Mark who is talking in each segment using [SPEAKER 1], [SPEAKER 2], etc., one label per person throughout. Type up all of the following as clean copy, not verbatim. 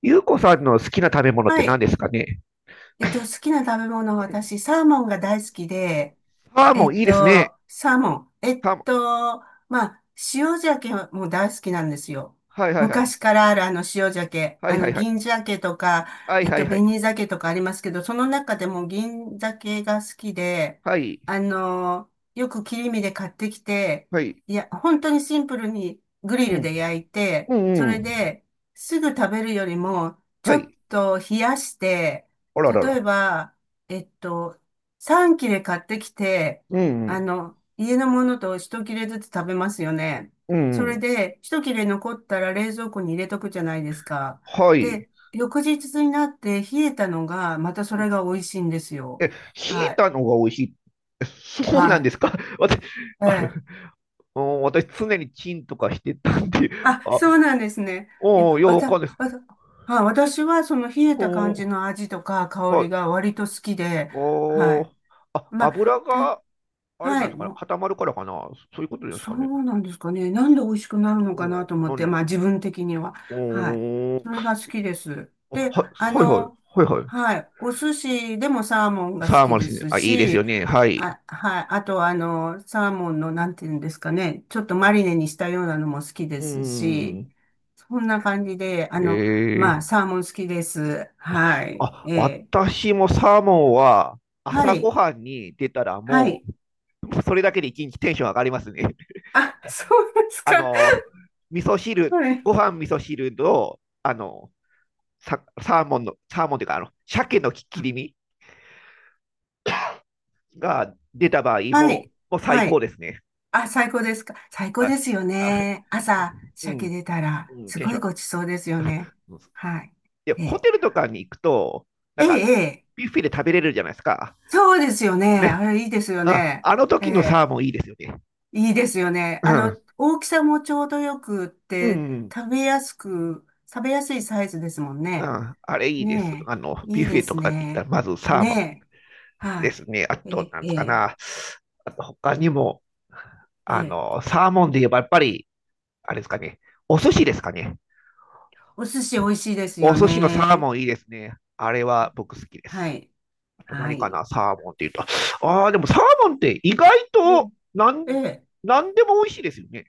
[SPEAKER 1] ゆうこさんの好きな食べ物っ
[SPEAKER 2] は
[SPEAKER 1] て何で
[SPEAKER 2] い。
[SPEAKER 1] すかね。
[SPEAKER 2] 好きな食べ物は
[SPEAKER 1] うん。
[SPEAKER 2] 私、サーモンが大好きで、
[SPEAKER 1] サーモンいいですね。
[SPEAKER 2] サーモン。
[SPEAKER 1] サーモン。
[SPEAKER 2] まあ、塩鮭も大好きなんですよ。
[SPEAKER 1] はいはいはい。
[SPEAKER 2] 昔からあるあの塩鮭、
[SPEAKER 1] は
[SPEAKER 2] あ
[SPEAKER 1] いは
[SPEAKER 2] の
[SPEAKER 1] いはい。
[SPEAKER 2] 銀鮭とか、
[SPEAKER 1] はいはいはい。
[SPEAKER 2] 紅鮭とかありますけど、その中でも銀鮭が好きで、
[SPEAKER 1] はい。
[SPEAKER 2] あの、よく切り身で買ってきて、
[SPEAKER 1] はい。
[SPEAKER 2] いや、本当にシンプルにグリ
[SPEAKER 1] う
[SPEAKER 2] ル
[SPEAKER 1] ん。
[SPEAKER 2] で焼い
[SPEAKER 1] う
[SPEAKER 2] て、
[SPEAKER 1] ん
[SPEAKER 2] そ
[SPEAKER 1] う
[SPEAKER 2] れ
[SPEAKER 1] ん。
[SPEAKER 2] ですぐ食べるよりも、ち
[SPEAKER 1] は
[SPEAKER 2] ょっ
[SPEAKER 1] い。
[SPEAKER 2] と冷やして、
[SPEAKER 1] あらら
[SPEAKER 2] 例え
[SPEAKER 1] ら。
[SPEAKER 2] ば、えっと、3切れ買ってきて、
[SPEAKER 1] うんうん。
[SPEAKER 2] 家のものと一切れずつ食べますよね。
[SPEAKER 1] うん
[SPEAKER 2] そ
[SPEAKER 1] う
[SPEAKER 2] れ
[SPEAKER 1] ん。
[SPEAKER 2] で、一切れ残ったら冷蔵庫に入れとくじゃないですか。
[SPEAKER 1] はい。
[SPEAKER 2] で、翌日になって冷えたのが、またそれが美味しいんですよ。
[SPEAKER 1] ひい
[SPEAKER 2] はい。
[SPEAKER 1] たのが美味しい。そうな
[SPEAKER 2] は
[SPEAKER 1] んで
[SPEAKER 2] い。
[SPEAKER 1] すか。 私、
[SPEAKER 2] え
[SPEAKER 1] あれ、
[SPEAKER 2] え。
[SPEAKER 1] うん、私常にチンとかしてたんで、
[SPEAKER 2] あ、
[SPEAKER 1] あ、
[SPEAKER 2] そうなんですね。いや、
[SPEAKER 1] おお、よう
[SPEAKER 2] わ
[SPEAKER 1] わ
[SPEAKER 2] た、
[SPEAKER 1] かんないです。
[SPEAKER 2] わた、はい、私はその冷えた感
[SPEAKER 1] お
[SPEAKER 2] じ
[SPEAKER 1] ー、
[SPEAKER 2] の味とか香
[SPEAKER 1] は
[SPEAKER 2] り
[SPEAKER 1] い。
[SPEAKER 2] が割と好きで、は
[SPEAKER 1] お
[SPEAKER 2] い。
[SPEAKER 1] ー、あ、
[SPEAKER 2] まあ、
[SPEAKER 1] 油
[SPEAKER 2] た、
[SPEAKER 1] が、あれ
[SPEAKER 2] は
[SPEAKER 1] なんで
[SPEAKER 2] い。
[SPEAKER 1] すかね、
[SPEAKER 2] もう
[SPEAKER 1] 固まるからかな、そういうことです
[SPEAKER 2] そ
[SPEAKER 1] かね。
[SPEAKER 2] うなんですかね。なんで美味しくなるのかな
[SPEAKER 1] う
[SPEAKER 2] と
[SPEAKER 1] ん、
[SPEAKER 2] 思っ
[SPEAKER 1] な
[SPEAKER 2] て、
[SPEAKER 1] んで、
[SPEAKER 2] まあ自分的には。
[SPEAKER 1] う
[SPEAKER 2] はい。
[SPEAKER 1] ーん。
[SPEAKER 2] それが好きです。で、
[SPEAKER 1] はいはい。はいはい。
[SPEAKER 2] はい。お寿司でもサーモンが好
[SPEAKER 1] サー
[SPEAKER 2] き
[SPEAKER 1] マル
[SPEAKER 2] で
[SPEAKER 1] シン、
[SPEAKER 2] す
[SPEAKER 1] あ、いいですよ
[SPEAKER 2] し、
[SPEAKER 1] ね。はい。
[SPEAKER 2] あ、はい。あと、サーモンの、なんていうんですかね。ちょっとマリネにしたようなのも好きで
[SPEAKER 1] う
[SPEAKER 2] すし、
[SPEAKER 1] ん。
[SPEAKER 2] そんな感じで、
[SPEAKER 1] え
[SPEAKER 2] ま
[SPEAKER 1] え。
[SPEAKER 2] あ、サーモン好きです。はい。
[SPEAKER 1] あ、
[SPEAKER 2] ええ。
[SPEAKER 1] 私もサーモンは
[SPEAKER 2] は
[SPEAKER 1] 朝ご
[SPEAKER 2] い。
[SPEAKER 1] はんに出たら
[SPEAKER 2] は
[SPEAKER 1] も
[SPEAKER 2] い。
[SPEAKER 1] う、それだけで一日テンション上がりますね。
[SPEAKER 2] あ、そうです
[SPEAKER 1] あ
[SPEAKER 2] か。
[SPEAKER 1] の、味噌汁、
[SPEAKER 2] はい。
[SPEAKER 1] ご飯味噌汁と、サーモンの、サーモンというか、鮭の切り身が出た場合
[SPEAKER 2] は
[SPEAKER 1] も、
[SPEAKER 2] い。
[SPEAKER 1] もう最
[SPEAKER 2] は
[SPEAKER 1] 高
[SPEAKER 2] い。
[SPEAKER 1] ですね。
[SPEAKER 2] あ、最高ですか。最高
[SPEAKER 1] は
[SPEAKER 2] で
[SPEAKER 1] い。
[SPEAKER 2] すよ
[SPEAKER 1] はい。
[SPEAKER 2] ね。朝、
[SPEAKER 1] う
[SPEAKER 2] 鮭
[SPEAKER 1] ん。
[SPEAKER 2] 出たら、
[SPEAKER 1] うん。
[SPEAKER 2] す
[SPEAKER 1] テン
[SPEAKER 2] ご
[SPEAKER 1] シ
[SPEAKER 2] い
[SPEAKER 1] ョ
[SPEAKER 2] ごちそうですよね。
[SPEAKER 1] ン。
[SPEAKER 2] はい。
[SPEAKER 1] で、
[SPEAKER 2] え
[SPEAKER 1] ホ
[SPEAKER 2] え、
[SPEAKER 1] テルとかに行くと、な
[SPEAKER 2] え
[SPEAKER 1] んか、
[SPEAKER 2] え、ええ
[SPEAKER 1] ビュッフェで食べれるじゃないですか。
[SPEAKER 2] そうですよね。
[SPEAKER 1] ね。
[SPEAKER 2] あれ、いいですよ
[SPEAKER 1] あ、
[SPEAKER 2] ね。
[SPEAKER 1] あの
[SPEAKER 2] え
[SPEAKER 1] 時のサー
[SPEAKER 2] え、
[SPEAKER 1] モンいいですよね。
[SPEAKER 2] いいですよね。
[SPEAKER 1] うん。
[SPEAKER 2] 大きさもちょうどよくっ
[SPEAKER 1] う
[SPEAKER 2] て、
[SPEAKER 1] ん。
[SPEAKER 2] 食べやすく、食べやすいサイズですもん
[SPEAKER 1] う
[SPEAKER 2] ね。
[SPEAKER 1] ん、あれいいです。
[SPEAKER 2] ねえ、
[SPEAKER 1] ビ
[SPEAKER 2] い
[SPEAKER 1] ュ
[SPEAKER 2] い
[SPEAKER 1] ッフ
[SPEAKER 2] で
[SPEAKER 1] ェと
[SPEAKER 2] す
[SPEAKER 1] かに行ったら、
[SPEAKER 2] ね。
[SPEAKER 1] まずサーモ
[SPEAKER 2] ねえ、
[SPEAKER 1] ン
[SPEAKER 2] は
[SPEAKER 1] で
[SPEAKER 2] い。
[SPEAKER 1] すね。あ
[SPEAKER 2] え
[SPEAKER 1] と、
[SPEAKER 2] え、
[SPEAKER 1] なん
[SPEAKER 2] え
[SPEAKER 1] か
[SPEAKER 2] え、
[SPEAKER 1] な。あと、他にも、
[SPEAKER 2] ええ
[SPEAKER 1] サーモンで言えば、やっぱり、あれですかね。お寿司ですかね。
[SPEAKER 2] お寿司美味しいです
[SPEAKER 1] お
[SPEAKER 2] よ
[SPEAKER 1] 寿司のサー
[SPEAKER 2] ね。
[SPEAKER 1] モンいいですね。あれは僕好きで
[SPEAKER 2] は
[SPEAKER 1] す。
[SPEAKER 2] い、
[SPEAKER 1] と
[SPEAKER 2] は
[SPEAKER 1] 何か
[SPEAKER 2] い。
[SPEAKER 1] な、サーモンって言うと。ああ、でもサーモンって意外
[SPEAKER 2] え
[SPEAKER 1] となん、
[SPEAKER 2] え、ええ
[SPEAKER 1] なんでも美味しいですよね。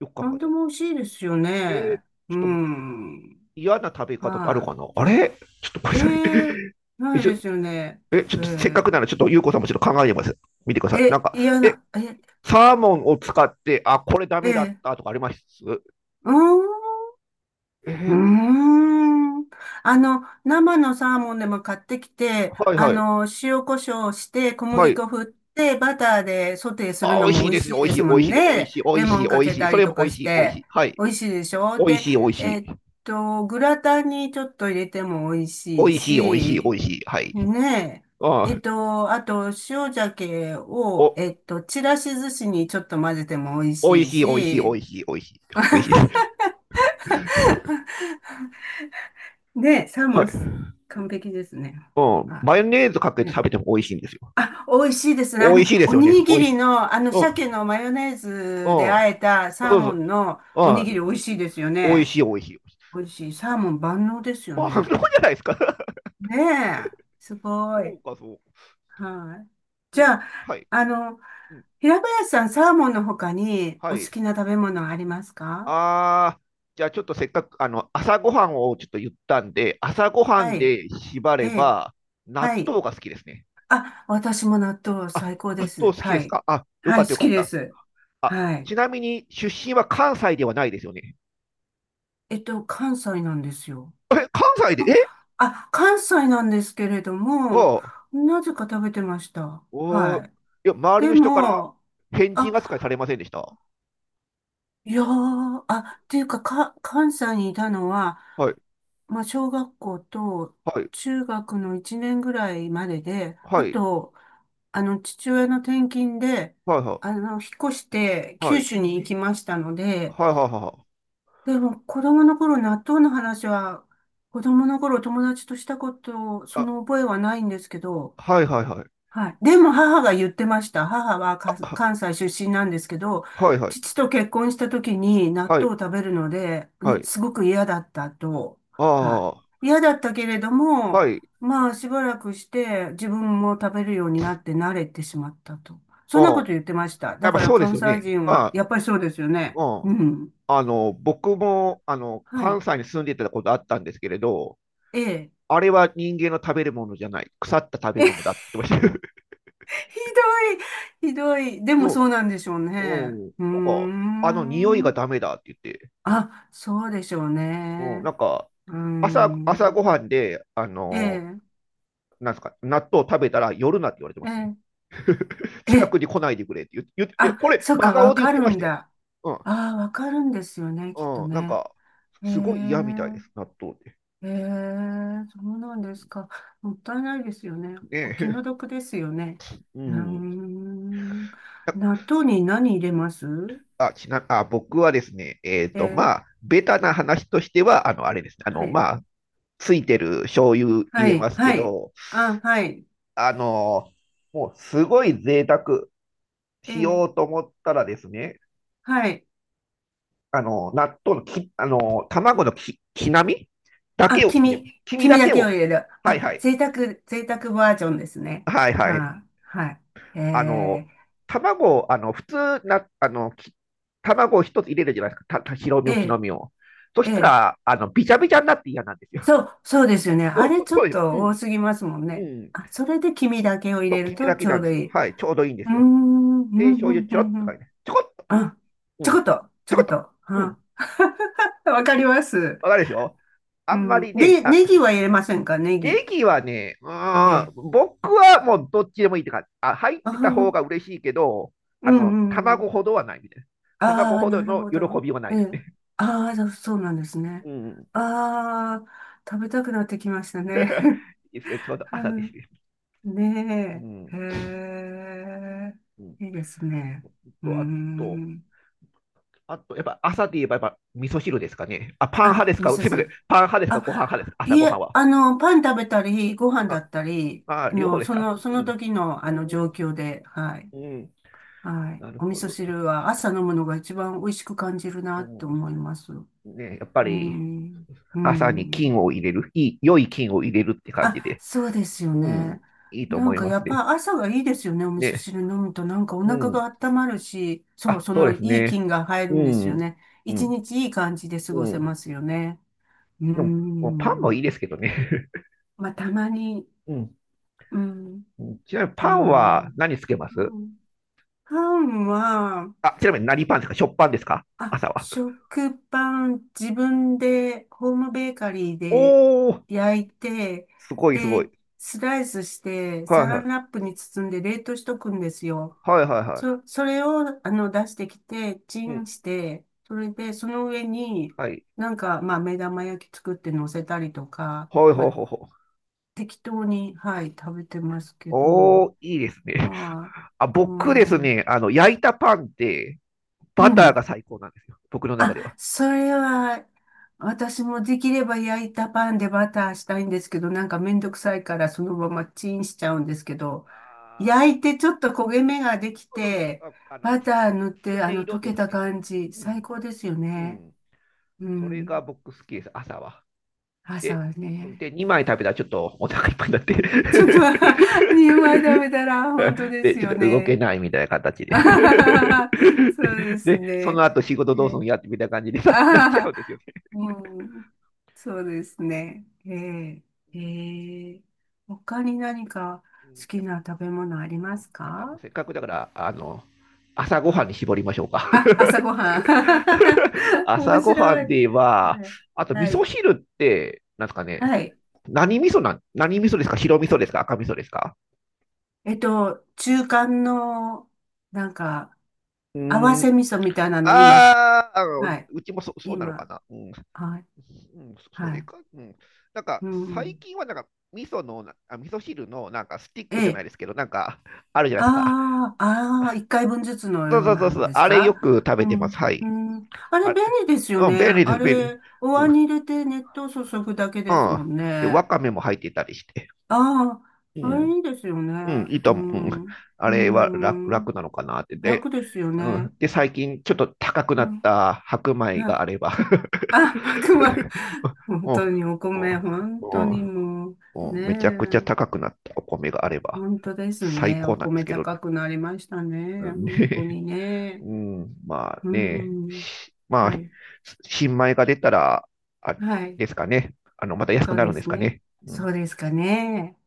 [SPEAKER 1] よく
[SPEAKER 2] な
[SPEAKER 1] 考え
[SPEAKER 2] ん
[SPEAKER 1] た
[SPEAKER 2] で
[SPEAKER 1] ら。
[SPEAKER 2] も美味しいですよ
[SPEAKER 1] えー
[SPEAKER 2] ね。
[SPEAKER 1] ち
[SPEAKER 2] う
[SPEAKER 1] ょっと
[SPEAKER 2] ん。
[SPEAKER 1] 嫌な食べ方ってあるか
[SPEAKER 2] は
[SPEAKER 1] なあれ、ちょっとごめ
[SPEAKER 2] い。
[SPEAKER 1] んなさい。
[SPEAKER 2] ええ
[SPEAKER 1] え、
[SPEAKER 2] ない
[SPEAKER 1] ちょ、
[SPEAKER 2] ですよね。
[SPEAKER 1] え、ちょ
[SPEAKER 2] え
[SPEAKER 1] っとせっかくならちょっとゆうこさんもちょっと考えてみます。見てくださ
[SPEAKER 2] え
[SPEAKER 1] い。なん
[SPEAKER 2] え、
[SPEAKER 1] か、
[SPEAKER 2] 嫌
[SPEAKER 1] え、
[SPEAKER 2] な、
[SPEAKER 1] サーモンを使って、あ、これダ
[SPEAKER 2] え
[SPEAKER 1] メだっ
[SPEAKER 2] え
[SPEAKER 1] たとかあります？
[SPEAKER 2] うーん。
[SPEAKER 1] え
[SPEAKER 2] うー
[SPEAKER 1] ー
[SPEAKER 2] ん。生のサーモンでも買ってきて、
[SPEAKER 1] はいはい。
[SPEAKER 2] 塩コショウして、小
[SPEAKER 1] は
[SPEAKER 2] 麦
[SPEAKER 1] い。
[SPEAKER 2] 粉振って、バターでソテーする
[SPEAKER 1] あ、美
[SPEAKER 2] の
[SPEAKER 1] 味し
[SPEAKER 2] も
[SPEAKER 1] い
[SPEAKER 2] 美
[SPEAKER 1] で
[SPEAKER 2] 味
[SPEAKER 1] す
[SPEAKER 2] し
[SPEAKER 1] ね。
[SPEAKER 2] い
[SPEAKER 1] 美味
[SPEAKER 2] で
[SPEAKER 1] し
[SPEAKER 2] す
[SPEAKER 1] い、美
[SPEAKER 2] も
[SPEAKER 1] 味
[SPEAKER 2] ん
[SPEAKER 1] しい、美味
[SPEAKER 2] ね。
[SPEAKER 1] しい、美
[SPEAKER 2] レ
[SPEAKER 1] 味
[SPEAKER 2] モ
[SPEAKER 1] しい、
[SPEAKER 2] ン
[SPEAKER 1] 美
[SPEAKER 2] か
[SPEAKER 1] 味
[SPEAKER 2] け
[SPEAKER 1] しい。
[SPEAKER 2] た
[SPEAKER 1] そ
[SPEAKER 2] り
[SPEAKER 1] れも
[SPEAKER 2] とか
[SPEAKER 1] 美味
[SPEAKER 2] し
[SPEAKER 1] しい、美味し
[SPEAKER 2] て、
[SPEAKER 1] い。はい。
[SPEAKER 2] 美味しいでしょ
[SPEAKER 1] 美味
[SPEAKER 2] で、
[SPEAKER 1] しい、美味し
[SPEAKER 2] えっ
[SPEAKER 1] い。
[SPEAKER 2] グラタンにちょっと入れても美味しい
[SPEAKER 1] 美味しい、美味しい、美
[SPEAKER 2] し、
[SPEAKER 1] 味しい。はい。
[SPEAKER 2] ね
[SPEAKER 1] あ
[SPEAKER 2] え。
[SPEAKER 1] あ、
[SPEAKER 2] あと、塩鮭
[SPEAKER 1] お、
[SPEAKER 2] を、ちらし寿司にちょっと混ぜても美味
[SPEAKER 1] 美味
[SPEAKER 2] しい
[SPEAKER 1] しい、美味しい、美味
[SPEAKER 2] し、
[SPEAKER 1] しい、美味しい、おいしい。
[SPEAKER 2] で、サーモ
[SPEAKER 1] はい。
[SPEAKER 2] ンス、完璧ですね。
[SPEAKER 1] うん。
[SPEAKER 2] は
[SPEAKER 1] マヨネーズか
[SPEAKER 2] い。
[SPEAKER 1] けて食
[SPEAKER 2] ね。
[SPEAKER 1] べても美味しいんですよ。
[SPEAKER 2] あ、美味しいですね。
[SPEAKER 1] 美味しいです
[SPEAKER 2] お
[SPEAKER 1] よね。
[SPEAKER 2] に
[SPEAKER 1] 美
[SPEAKER 2] ぎ
[SPEAKER 1] 味し
[SPEAKER 2] り
[SPEAKER 1] い。
[SPEAKER 2] の、
[SPEAKER 1] うん。うん。
[SPEAKER 2] 鮭のマヨネーズで
[SPEAKER 1] そ
[SPEAKER 2] 和えた
[SPEAKER 1] う
[SPEAKER 2] サー
[SPEAKER 1] そ
[SPEAKER 2] モンの
[SPEAKER 1] う。
[SPEAKER 2] お
[SPEAKER 1] う
[SPEAKER 2] にぎり
[SPEAKER 1] ん。
[SPEAKER 2] 美味しいですよ
[SPEAKER 1] 美味
[SPEAKER 2] ね。
[SPEAKER 1] しい、美味しい。
[SPEAKER 2] 美味しい。サーモン万能ですよ
[SPEAKER 1] 万能
[SPEAKER 2] ね。
[SPEAKER 1] じゃないですか。
[SPEAKER 2] ねえ。す ご
[SPEAKER 1] そ
[SPEAKER 2] い。
[SPEAKER 1] うか、そ
[SPEAKER 2] はい。
[SPEAKER 1] う。
[SPEAKER 2] じ
[SPEAKER 1] い、
[SPEAKER 2] ゃあ、
[SPEAKER 1] はい。うん、
[SPEAKER 2] 平林さん、サーモンの他に
[SPEAKER 1] は
[SPEAKER 2] お好
[SPEAKER 1] い。
[SPEAKER 2] きな食べ物ありますか？
[SPEAKER 1] あー、じゃあちょっとせっかく、朝ごはんをちょっと言ったんで、朝ごは
[SPEAKER 2] は
[SPEAKER 1] ん
[SPEAKER 2] い。
[SPEAKER 1] で縛
[SPEAKER 2] え
[SPEAKER 1] れ
[SPEAKER 2] え。
[SPEAKER 1] ば、納
[SPEAKER 2] はい。
[SPEAKER 1] 豆が好きですね。
[SPEAKER 2] あ、私も納豆
[SPEAKER 1] あ、
[SPEAKER 2] 最高で
[SPEAKER 1] 納豆
[SPEAKER 2] す。
[SPEAKER 1] 好き
[SPEAKER 2] は
[SPEAKER 1] です
[SPEAKER 2] い。
[SPEAKER 1] か？あ、よ
[SPEAKER 2] は
[SPEAKER 1] か
[SPEAKER 2] い、
[SPEAKER 1] った、
[SPEAKER 2] 好
[SPEAKER 1] よか
[SPEAKER 2] き
[SPEAKER 1] っ
[SPEAKER 2] で
[SPEAKER 1] た。
[SPEAKER 2] す。
[SPEAKER 1] あ、
[SPEAKER 2] はい。
[SPEAKER 1] ちなみに出身は関西ではないですよね。
[SPEAKER 2] 関西なんですよ。
[SPEAKER 1] え、関西で、え、
[SPEAKER 2] あ関西なんですけれども、
[SPEAKER 1] ああ、
[SPEAKER 2] なぜか食べてました。
[SPEAKER 1] おー、い
[SPEAKER 2] はい。
[SPEAKER 1] や、周り
[SPEAKER 2] で
[SPEAKER 1] の人から
[SPEAKER 2] も、
[SPEAKER 1] 変
[SPEAKER 2] あ、
[SPEAKER 1] 人扱いされませんでした？
[SPEAKER 2] いやー、っていうか、関西にいたのは、
[SPEAKER 1] はい、
[SPEAKER 2] まあ、小学校と
[SPEAKER 1] はい、
[SPEAKER 2] 中学の1年ぐらいまでで、あ
[SPEAKER 1] はい、
[SPEAKER 2] と、父親の転勤で、
[SPEAKER 1] はい、
[SPEAKER 2] 引っ越して
[SPEAKER 1] はい、はい、
[SPEAKER 2] 九
[SPEAKER 1] は
[SPEAKER 2] 州に行きましたので、でも、子供の頃、納豆の話は、子供の頃友達としたこと、その覚えはないんですけど、
[SPEAKER 1] い、はい、はい、
[SPEAKER 2] はい。でも、母が言ってました。母は
[SPEAKER 1] あ、
[SPEAKER 2] 関西出身なんですけど、
[SPEAKER 1] はい、はい、はい、あ、はい、はい、
[SPEAKER 2] 父と結婚した時に納
[SPEAKER 1] はい、
[SPEAKER 2] 豆を食べるので、
[SPEAKER 1] は
[SPEAKER 2] ね、
[SPEAKER 1] い、
[SPEAKER 2] すごく嫌だったと。は
[SPEAKER 1] あ
[SPEAKER 2] い。嫌だったけれど
[SPEAKER 1] あ、
[SPEAKER 2] も、
[SPEAKER 1] はい、
[SPEAKER 2] まあ、しばらくして自分も食べるようになって慣れてしまったと。そんな
[SPEAKER 1] あ
[SPEAKER 2] こ
[SPEAKER 1] あ、
[SPEAKER 2] と言ってました。
[SPEAKER 1] や
[SPEAKER 2] だ
[SPEAKER 1] っぱ
[SPEAKER 2] から
[SPEAKER 1] そうです
[SPEAKER 2] 関
[SPEAKER 1] よ
[SPEAKER 2] 西
[SPEAKER 1] ね。
[SPEAKER 2] 人
[SPEAKER 1] ま
[SPEAKER 2] は、
[SPEAKER 1] あ、
[SPEAKER 2] やっぱりそうですよね。
[SPEAKER 1] う
[SPEAKER 2] う
[SPEAKER 1] ん。
[SPEAKER 2] ん。
[SPEAKER 1] 僕も、
[SPEAKER 2] は
[SPEAKER 1] 関
[SPEAKER 2] い。
[SPEAKER 1] 西に住んでたことあったんですけれど、
[SPEAKER 2] ええ。え
[SPEAKER 1] あれは人間の食べるものじゃない、腐った食べ物だって言ってました。
[SPEAKER 2] ひどい、ひどい。で
[SPEAKER 1] う
[SPEAKER 2] も
[SPEAKER 1] ん、
[SPEAKER 2] そうなんでしょうね。
[SPEAKER 1] うん、
[SPEAKER 2] うー
[SPEAKER 1] なんか、あの匂いが
[SPEAKER 2] ん。
[SPEAKER 1] ダメだって言って、
[SPEAKER 2] あ、そうでしょう
[SPEAKER 1] うん、な
[SPEAKER 2] ね。
[SPEAKER 1] んか、
[SPEAKER 2] うー
[SPEAKER 1] 朝ご
[SPEAKER 2] ん。
[SPEAKER 1] はんで、
[SPEAKER 2] ええ、
[SPEAKER 1] なんですか、納豆食べたら夜なって言われてますね。
[SPEAKER 2] ええ、
[SPEAKER 1] 近
[SPEAKER 2] え、
[SPEAKER 1] くに来ないでくれって言って、言ってえ、
[SPEAKER 2] あ、
[SPEAKER 1] これ、
[SPEAKER 2] そっ
[SPEAKER 1] 真
[SPEAKER 2] か、
[SPEAKER 1] 顔
[SPEAKER 2] わ
[SPEAKER 1] で言
[SPEAKER 2] か
[SPEAKER 1] って
[SPEAKER 2] る
[SPEAKER 1] まし
[SPEAKER 2] ん
[SPEAKER 1] たよ。
[SPEAKER 2] だ。
[SPEAKER 1] うん、
[SPEAKER 2] ああ、わかるんですよね、
[SPEAKER 1] う
[SPEAKER 2] きっと
[SPEAKER 1] ん、なん
[SPEAKER 2] ね。
[SPEAKER 1] か、
[SPEAKER 2] ええ、
[SPEAKER 1] すごい嫌みたいです、納豆って。
[SPEAKER 2] ええ、そうなんですか。もったいないですよね。お
[SPEAKER 1] ね
[SPEAKER 2] 気
[SPEAKER 1] え。
[SPEAKER 2] の毒ですよね。
[SPEAKER 1] う
[SPEAKER 2] うー
[SPEAKER 1] ん。
[SPEAKER 2] ん。納豆に何入れます？
[SPEAKER 1] あ、僕はですね、
[SPEAKER 2] ええ、
[SPEAKER 1] まあ、ベタな話としては、あれですね、
[SPEAKER 2] はい、
[SPEAKER 1] まあ、ついてる醤油
[SPEAKER 2] は
[SPEAKER 1] 入れま
[SPEAKER 2] い、
[SPEAKER 1] すけ
[SPEAKER 2] はい。
[SPEAKER 1] ど、
[SPEAKER 2] あ、はい。
[SPEAKER 1] あのもうすごい贅沢
[SPEAKER 2] え
[SPEAKER 1] し
[SPEAKER 2] え、
[SPEAKER 1] ようと思ったらですね、
[SPEAKER 2] はい。
[SPEAKER 1] あの、納豆のき、あの、卵のき、きなみだ
[SPEAKER 2] あ、
[SPEAKER 1] けを入れます。黄身
[SPEAKER 2] 黄身
[SPEAKER 1] だ
[SPEAKER 2] だ
[SPEAKER 1] け
[SPEAKER 2] けを
[SPEAKER 1] を。
[SPEAKER 2] 入れる。
[SPEAKER 1] はい
[SPEAKER 2] あ、
[SPEAKER 1] はい。
[SPEAKER 2] 贅沢バージョンですね。
[SPEAKER 1] はいはい。
[SPEAKER 2] はい、はい。え
[SPEAKER 1] あの、
[SPEAKER 2] え、
[SPEAKER 1] 卵を、あの、普通な、あの、き卵を一つ入れるじゃないですか。白身
[SPEAKER 2] え
[SPEAKER 1] を、黄
[SPEAKER 2] え、
[SPEAKER 1] 身を。そ
[SPEAKER 2] え
[SPEAKER 1] した
[SPEAKER 2] え。
[SPEAKER 1] ら、びちゃびちゃになって嫌なんですよ。
[SPEAKER 2] そうですよね。
[SPEAKER 1] そ
[SPEAKER 2] あ
[SPEAKER 1] うそ
[SPEAKER 2] れ
[SPEAKER 1] う
[SPEAKER 2] ちょ
[SPEAKER 1] そう
[SPEAKER 2] っ
[SPEAKER 1] です。
[SPEAKER 2] と多すぎますもん
[SPEAKER 1] うん。う
[SPEAKER 2] ね。
[SPEAKER 1] ん。
[SPEAKER 2] あ、それで黄身だけを入
[SPEAKER 1] そう、
[SPEAKER 2] れる
[SPEAKER 1] 黄身
[SPEAKER 2] と
[SPEAKER 1] だけ
[SPEAKER 2] ちょ
[SPEAKER 1] な
[SPEAKER 2] う
[SPEAKER 1] んで
[SPEAKER 2] ど
[SPEAKER 1] すよ。
[SPEAKER 2] いい。
[SPEAKER 1] はい。ちょうどいいん
[SPEAKER 2] う
[SPEAKER 1] で
[SPEAKER 2] ー
[SPEAKER 1] すよ。
[SPEAKER 2] ん、うん、
[SPEAKER 1] で、
[SPEAKER 2] う
[SPEAKER 1] 醤油
[SPEAKER 2] ん、
[SPEAKER 1] ち
[SPEAKER 2] う
[SPEAKER 1] ょろっ
[SPEAKER 2] ん、
[SPEAKER 1] と
[SPEAKER 2] う
[SPEAKER 1] か
[SPEAKER 2] ん。
[SPEAKER 1] ね。ちょこっと。
[SPEAKER 2] あ、
[SPEAKER 1] う
[SPEAKER 2] ちょ
[SPEAKER 1] ん。
[SPEAKER 2] こっと、ち
[SPEAKER 1] ち
[SPEAKER 2] ょ
[SPEAKER 1] ょ
[SPEAKER 2] こ
[SPEAKER 1] こっ
[SPEAKER 2] っ
[SPEAKER 1] と。
[SPEAKER 2] と。
[SPEAKER 1] う
[SPEAKER 2] あ
[SPEAKER 1] ん。
[SPEAKER 2] わかります。
[SPEAKER 1] わかるでしょ？あ
[SPEAKER 2] う
[SPEAKER 1] んま
[SPEAKER 2] ん。
[SPEAKER 1] りね、
[SPEAKER 2] で、
[SPEAKER 1] あ、
[SPEAKER 2] ネギは入れませんかネ
[SPEAKER 1] ネ
[SPEAKER 2] ギ？
[SPEAKER 1] ギはね、う
[SPEAKER 2] え
[SPEAKER 1] ーん、
[SPEAKER 2] え。
[SPEAKER 1] 僕はもうどっちでもいいって感じ。あ、入っ
[SPEAKER 2] あ、
[SPEAKER 1] てた
[SPEAKER 2] う
[SPEAKER 1] 方
[SPEAKER 2] ん、
[SPEAKER 1] が嬉しいけど、
[SPEAKER 2] うん、う
[SPEAKER 1] 卵
[SPEAKER 2] ん。
[SPEAKER 1] ほどはないみたいな。卵
[SPEAKER 2] ああ、
[SPEAKER 1] ほど
[SPEAKER 2] なる
[SPEAKER 1] の
[SPEAKER 2] ほ
[SPEAKER 1] 喜
[SPEAKER 2] ど。
[SPEAKER 1] びはな
[SPEAKER 2] え
[SPEAKER 1] いです
[SPEAKER 2] え。
[SPEAKER 1] ね。
[SPEAKER 2] ああ、そうそうなんですね。
[SPEAKER 1] うん。
[SPEAKER 2] ああ、食べたくなってきましたね。
[SPEAKER 1] いいですね。ちょうど
[SPEAKER 2] う
[SPEAKER 1] 朝です
[SPEAKER 2] ん
[SPEAKER 1] ね。う
[SPEAKER 2] ね
[SPEAKER 1] ん。
[SPEAKER 2] え。へえ。
[SPEAKER 1] うん、
[SPEAKER 2] いいですね。うー
[SPEAKER 1] と、あと、
[SPEAKER 2] ん。
[SPEAKER 1] あと、やっぱ朝で言えば、やっぱ味噌汁ですかね。あ、パン派で
[SPEAKER 2] あ、
[SPEAKER 1] す
[SPEAKER 2] 味
[SPEAKER 1] か、す
[SPEAKER 2] 噌
[SPEAKER 1] みません。
[SPEAKER 2] 汁。
[SPEAKER 1] パン派ですかご飯派ですか、
[SPEAKER 2] あ、
[SPEAKER 1] 朝
[SPEAKER 2] い
[SPEAKER 1] ごはん
[SPEAKER 2] え、
[SPEAKER 1] は。
[SPEAKER 2] パン食べたり、ご飯だ
[SPEAKER 1] あ、
[SPEAKER 2] ったり、
[SPEAKER 1] あ、両方ですか、
[SPEAKER 2] そ
[SPEAKER 1] う
[SPEAKER 2] の
[SPEAKER 1] ん。
[SPEAKER 2] 時の、
[SPEAKER 1] う
[SPEAKER 2] 状
[SPEAKER 1] ん。
[SPEAKER 2] 況で、はい。
[SPEAKER 1] うん。
[SPEAKER 2] はい。
[SPEAKER 1] なる
[SPEAKER 2] お味
[SPEAKER 1] ほ
[SPEAKER 2] 噌
[SPEAKER 1] ど。
[SPEAKER 2] 汁は朝飲むのが一番美味しく感じるな
[SPEAKER 1] う
[SPEAKER 2] って
[SPEAKER 1] ん。
[SPEAKER 2] 思います。う
[SPEAKER 1] ね、やっぱ
[SPEAKER 2] ー
[SPEAKER 1] り。
[SPEAKER 2] ん。うー
[SPEAKER 1] 朝に
[SPEAKER 2] ん。
[SPEAKER 1] 金を入れる、いい、良い金を入れるって感じ
[SPEAKER 2] あ、
[SPEAKER 1] で、
[SPEAKER 2] そうですよ
[SPEAKER 1] う
[SPEAKER 2] ね。
[SPEAKER 1] ん、いいと
[SPEAKER 2] な
[SPEAKER 1] 思
[SPEAKER 2] ん
[SPEAKER 1] い
[SPEAKER 2] か
[SPEAKER 1] ま
[SPEAKER 2] や
[SPEAKER 1] す
[SPEAKER 2] っ
[SPEAKER 1] ね。
[SPEAKER 2] ぱ朝がいいですよね。お味噌
[SPEAKER 1] ね、
[SPEAKER 2] 汁飲むとなんかお
[SPEAKER 1] う
[SPEAKER 2] 腹が
[SPEAKER 1] ん。
[SPEAKER 2] 温まるし、
[SPEAKER 1] あ、
[SPEAKER 2] そ
[SPEAKER 1] そう
[SPEAKER 2] の
[SPEAKER 1] です
[SPEAKER 2] いい
[SPEAKER 1] ね。
[SPEAKER 2] 菌が入る
[SPEAKER 1] う
[SPEAKER 2] んですよ
[SPEAKER 1] ん、
[SPEAKER 2] ね。
[SPEAKER 1] う
[SPEAKER 2] 一
[SPEAKER 1] ん、
[SPEAKER 2] 日いい感じで過ご
[SPEAKER 1] う
[SPEAKER 2] せま
[SPEAKER 1] ん。
[SPEAKER 2] すよね。うー
[SPEAKER 1] でも、パンもい
[SPEAKER 2] ん。
[SPEAKER 1] いですけどね。
[SPEAKER 2] まあたまに、
[SPEAKER 1] うん。
[SPEAKER 2] うん、
[SPEAKER 1] ちなみに
[SPEAKER 2] う
[SPEAKER 1] パン
[SPEAKER 2] ん。
[SPEAKER 1] は何つけます？
[SPEAKER 2] うんパンは、
[SPEAKER 1] あ、ちなみに何パンですか、食パンですか、朝
[SPEAKER 2] あ、
[SPEAKER 1] は。
[SPEAKER 2] 食パン自分でホームベーカリーで
[SPEAKER 1] おー、
[SPEAKER 2] 焼いて、
[SPEAKER 1] すごいすごい。
[SPEAKER 2] で、スライスして
[SPEAKER 1] は
[SPEAKER 2] サ
[SPEAKER 1] いは
[SPEAKER 2] ラ
[SPEAKER 1] い。
[SPEAKER 2] ンラップに包んで冷凍しとくんですよ。
[SPEAKER 1] はいはいは
[SPEAKER 2] それを、出してきて、チ
[SPEAKER 1] い。う
[SPEAKER 2] ン
[SPEAKER 1] ん。
[SPEAKER 2] して、それで、その上に、
[SPEAKER 1] はい。
[SPEAKER 2] なんか、まあ、目玉焼き作って乗せたりとか、
[SPEAKER 1] はいはい
[SPEAKER 2] ま
[SPEAKER 1] はい
[SPEAKER 2] あ、
[SPEAKER 1] はい。
[SPEAKER 2] 適当に、はい、食べてますけど、
[SPEAKER 1] おー、いいですね。
[SPEAKER 2] まあ、
[SPEAKER 1] あ、
[SPEAKER 2] うー
[SPEAKER 1] 僕です
[SPEAKER 2] ん、
[SPEAKER 1] ね、焼いたパンって、
[SPEAKER 2] う
[SPEAKER 1] バターが
[SPEAKER 2] ん、
[SPEAKER 1] 最高なんですよ。僕の中で
[SPEAKER 2] あ、
[SPEAKER 1] は。
[SPEAKER 2] それは、私もできれば焼いたパンでバターしたいんですけど、なんかめんどくさいからそのままチンしちゃうんですけど、
[SPEAKER 1] あ
[SPEAKER 2] 焼いてちょっと焦げ目ができ
[SPEAKER 1] ー、そうそう
[SPEAKER 2] て、
[SPEAKER 1] そう、あ、あの、
[SPEAKER 2] バ
[SPEAKER 1] きつ
[SPEAKER 2] ター塗っ
[SPEAKER 1] き
[SPEAKER 2] て、
[SPEAKER 1] つね色
[SPEAKER 2] 溶
[SPEAKER 1] で
[SPEAKER 2] け
[SPEAKER 1] すか
[SPEAKER 2] た
[SPEAKER 1] ね。
[SPEAKER 2] 感じ、
[SPEAKER 1] うん。
[SPEAKER 2] 最高ですよ
[SPEAKER 1] う
[SPEAKER 2] ね。
[SPEAKER 1] ん。
[SPEAKER 2] う
[SPEAKER 1] それが
[SPEAKER 2] ん。
[SPEAKER 1] 僕好きです、朝は。
[SPEAKER 2] 朝
[SPEAKER 1] で、
[SPEAKER 2] はね。
[SPEAKER 1] で、2枚食べたらちょっとお腹いっぱいになって。
[SPEAKER 2] ちょっと2枚 食べたら本当で
[SPEAKER 1] で、
[SPEAKER 2] す
[SPEAKER 1] ちょっ
[SPEAKER 2] よ
[SPEAKER 1] と動け
[SPEAKER 2] ね。
[SPEAKER 1] ないみたいな形 で。
[SPEAKER 2] あははははそうで す
[SPEAKER 1] で、その
[SPEAKER 2] ね。
[SPEAKER 1] 後仕事どうする
[SPEAKER 2] ね
[SPEAKER 1] んやってみたいな感じに
[SPEAKER 2] あ
[SPEAKER 1] な、
[SPEAKER 2] は
[SPEAKER 1] なっちゃう
[SPEAKER 2] はは、
[SPEAKER 1] んですよね。
[SPEAKER 2] うん。そう
[SPEAKER 1] そう
[SPEAKER 2] です
[SPEAKER 1] そ
[SPEAKER 2] ね。ええ、
[SPEAKER 1] う。う
[SPEAKER 2] ええ。他に何か
[SPEAKER 1] ん、
[SPEAKER 2] 好
[SPEAKER 1] う
[SPEAKER 2] き
[SPEAKER 1] ん、
[SPEAKER 2] な食べ物あります
[SPEAKER 1] なんかもう
[SPEAKER 2] か？
[SPEAKER 1] せっかくだから、朝ごはんに絞りましょうか。
[SPEAKER 2] あ、朝ごはん。
[SPEAKER 1] 朝
[SPEAKER 2] 面
[SPEAKER 1] ごは
[SPEAKER 2] 白
[SPEAKER 1] ん
[SPEAKER 2] い。
[SPEAKER 1] で言えば、
[SPEAKER 2] はい。
[SPEAKER 1] あと味
[SPEAKER 2] は
[SPEAKER 1] 噌
[SPEAKER 2] い。
[SPEAKER 1] 汁って、なんですかね、
[SPEAKER 2] はい。
[SPEAKER 1] 何味噌なん、何味噌ですか、白味噌ですか赤味噌ですか？
[SPEAKER 2] 中間の、なんか、
[SPEAKER 1] うー
[SPEAKER 2] 合わせ
[SPEAKER 1] ん、
[SPEAKER 2] 味噌みたいなの
[SPEAKER 1] あー、あの、
[SPEAKER 2] はい。
[SPEAKER 1] うちもそ、そうなのか
[SPEAKER 2] 今、
[SPEAKER 1] な。うん、う
[SPEAKER 2] はい。
[SPEAKER 1] ん、そ、そ
[SPEAKER 2] は
[SPEAKER 1] れ
[SPEAKER 2] い。
[SPEAKER 1] か、うん。なんか、
[SPEAKER 2] うんう
[SPEAKER 1] 最
[SPEAKER 2] ん。
[SPEAKER 1] 近はなんか、味噌のな、あ、味噌汁のなんかスティッ
[SPEAKER 2] え
[SPEAKER 1] クじゃない
[SPEAKER 2] え。
[SPEAKER 1] ですけど、なんか、あるじゃないですか。
[SPEAKER 2] ああ、ああ、一回分ずつの
[SPEAKER 1] そう
[SPEAKER 2] よう
[SPEAKER 1] そうそ
[SPEAKER 2] な
[SPEAKER 1] うそ
[SPEAKER 2] の
[SPEAKER 1] う、
[SPEAKER 2] です
[SPEAKER 1] あれよ
[SPEAKER 2] か？
[SPEAKER 1] く食
[SPEAKER 2] う
[SPEAKER 1] べてます。
[SPEAKER 2] ん、
[SPEAKER 1] は
[SPEAKER 2] う
[SPEAKER 1] い。
[SPEAKER 2] ん。あれ
[SPEAKER 1] あ、
[SPEAKER 2] 便利ですよ
[SPEAKER 1] うん、便
[SPEAKER 2] ね。
[SPEAKER 1] 利で
[SPEAKER 2] あ
[SPEAKER 1] す、便利。
[SPEAKER 2] れ、お
[SPEAKER 1] う
[SPEAKER 2] 椀に
[SPEAKER 1] ん。
[SPEAKER 2] 入れて熱湯を注ぐだけ
[SPEAKER 1] う
[SPEAKER 2] ですも
[SPEAKER 1] ん。
[SPEAKER 2] ん
[SPEAKER 1] で、わ
[SPEAKER 2] ね。
[SPEAKER 1] かめも入ってたりして。
[SPEAKER 2] あ
[SPEAKER 1] う
[SPEAKER 2] あ、あ
[SPEAKER 1] ん。
[SPEAKER 2] れいいですよね。
[SPEAKER 1] うん、いい
[SPEAKER 2] う
[SPEAKER 1] と思う。うん、
[SPEAKER 2] ん、
[SPEAKER 1] あ
[SPEAKER 2] う
[SPEAKER 1] れは楽、楽
[SPEAKER 2] ん。
[SPEAKER 1] なのかなって。で、
[SPEAKER 2] 楽ですよ
[SPEAKER 1] う
[SPEAKER 2] ね。
[SPEAKER 1] ん。で、最近ちょっと高くな
[SPEAKER 2] う
[SPEAKER 1] っ
[SPEAKER 2] ん、
[SPEAKER 1] た白米が
[SPEAKER 2] あ、
[SPEAKER 1] あれば。
[SPEAKER 2] あ、白米。本
[SPEAKER 1] うん、
[SPEAKER 2] 当にお
[SPEAKER 1] うん、
[SPEAKER 2] 米、本
[SPEAKER 1] う
[SPEAKER 2] 当に
[SPEAKER 1] ん、
[SPEAKER 2] もう、ね
[SPEAKER 1] うん、めちゃくちゃ高く
[SPEAKER 2] え。
[SPEAKER 1] なったお米があれば
[SPEAKER 2] 本当です
[SPEAKER 1] 最
[SPEAKER 2] ね。
[SPEAKER 1] 高
[SPEAKER 2] お
[SPEAKER 1] なんで
[SPEAKER 2] 米
[SPEAKER 1] すけどね。
[SPEAKER 2] 高くなりました
[SPEAKER 1] う
[SPEAKER 2] ね。
[SPEAKER 1] ん、
[SPEAKER 2] 本当
[SPEAKER 1] ね、
[SPEAKER 2] にね。
[SPEAKER 1] うん、まあ
[SPEAKER 2] う
[SPEAKER 1] ね、
[SPEAKER 2] ん、
[SPEAKER 1] し、まあ、
[SPEAKER 2] はい。
[SPEAKER 1] 新米が出たら、あ、
[SPEAKER 2] はい。
[SPEAKER 1] ですかね。また安
[SPEAKER 2] そ
[SPEAKER 1] く
[SPEAKER 2] う
[SPEAKER 1] なる
[SPEAKER 2] で
[SPEAKER 1] んです
[SPEAKER 2] す
[SPEAKER 1] か
[SPEAKER 2] ね。
[SPEAKER 1] ね。う
[SPEAKER 2] そ
[SPEAKER 1] ん
[SPEAKER 2] うですかね。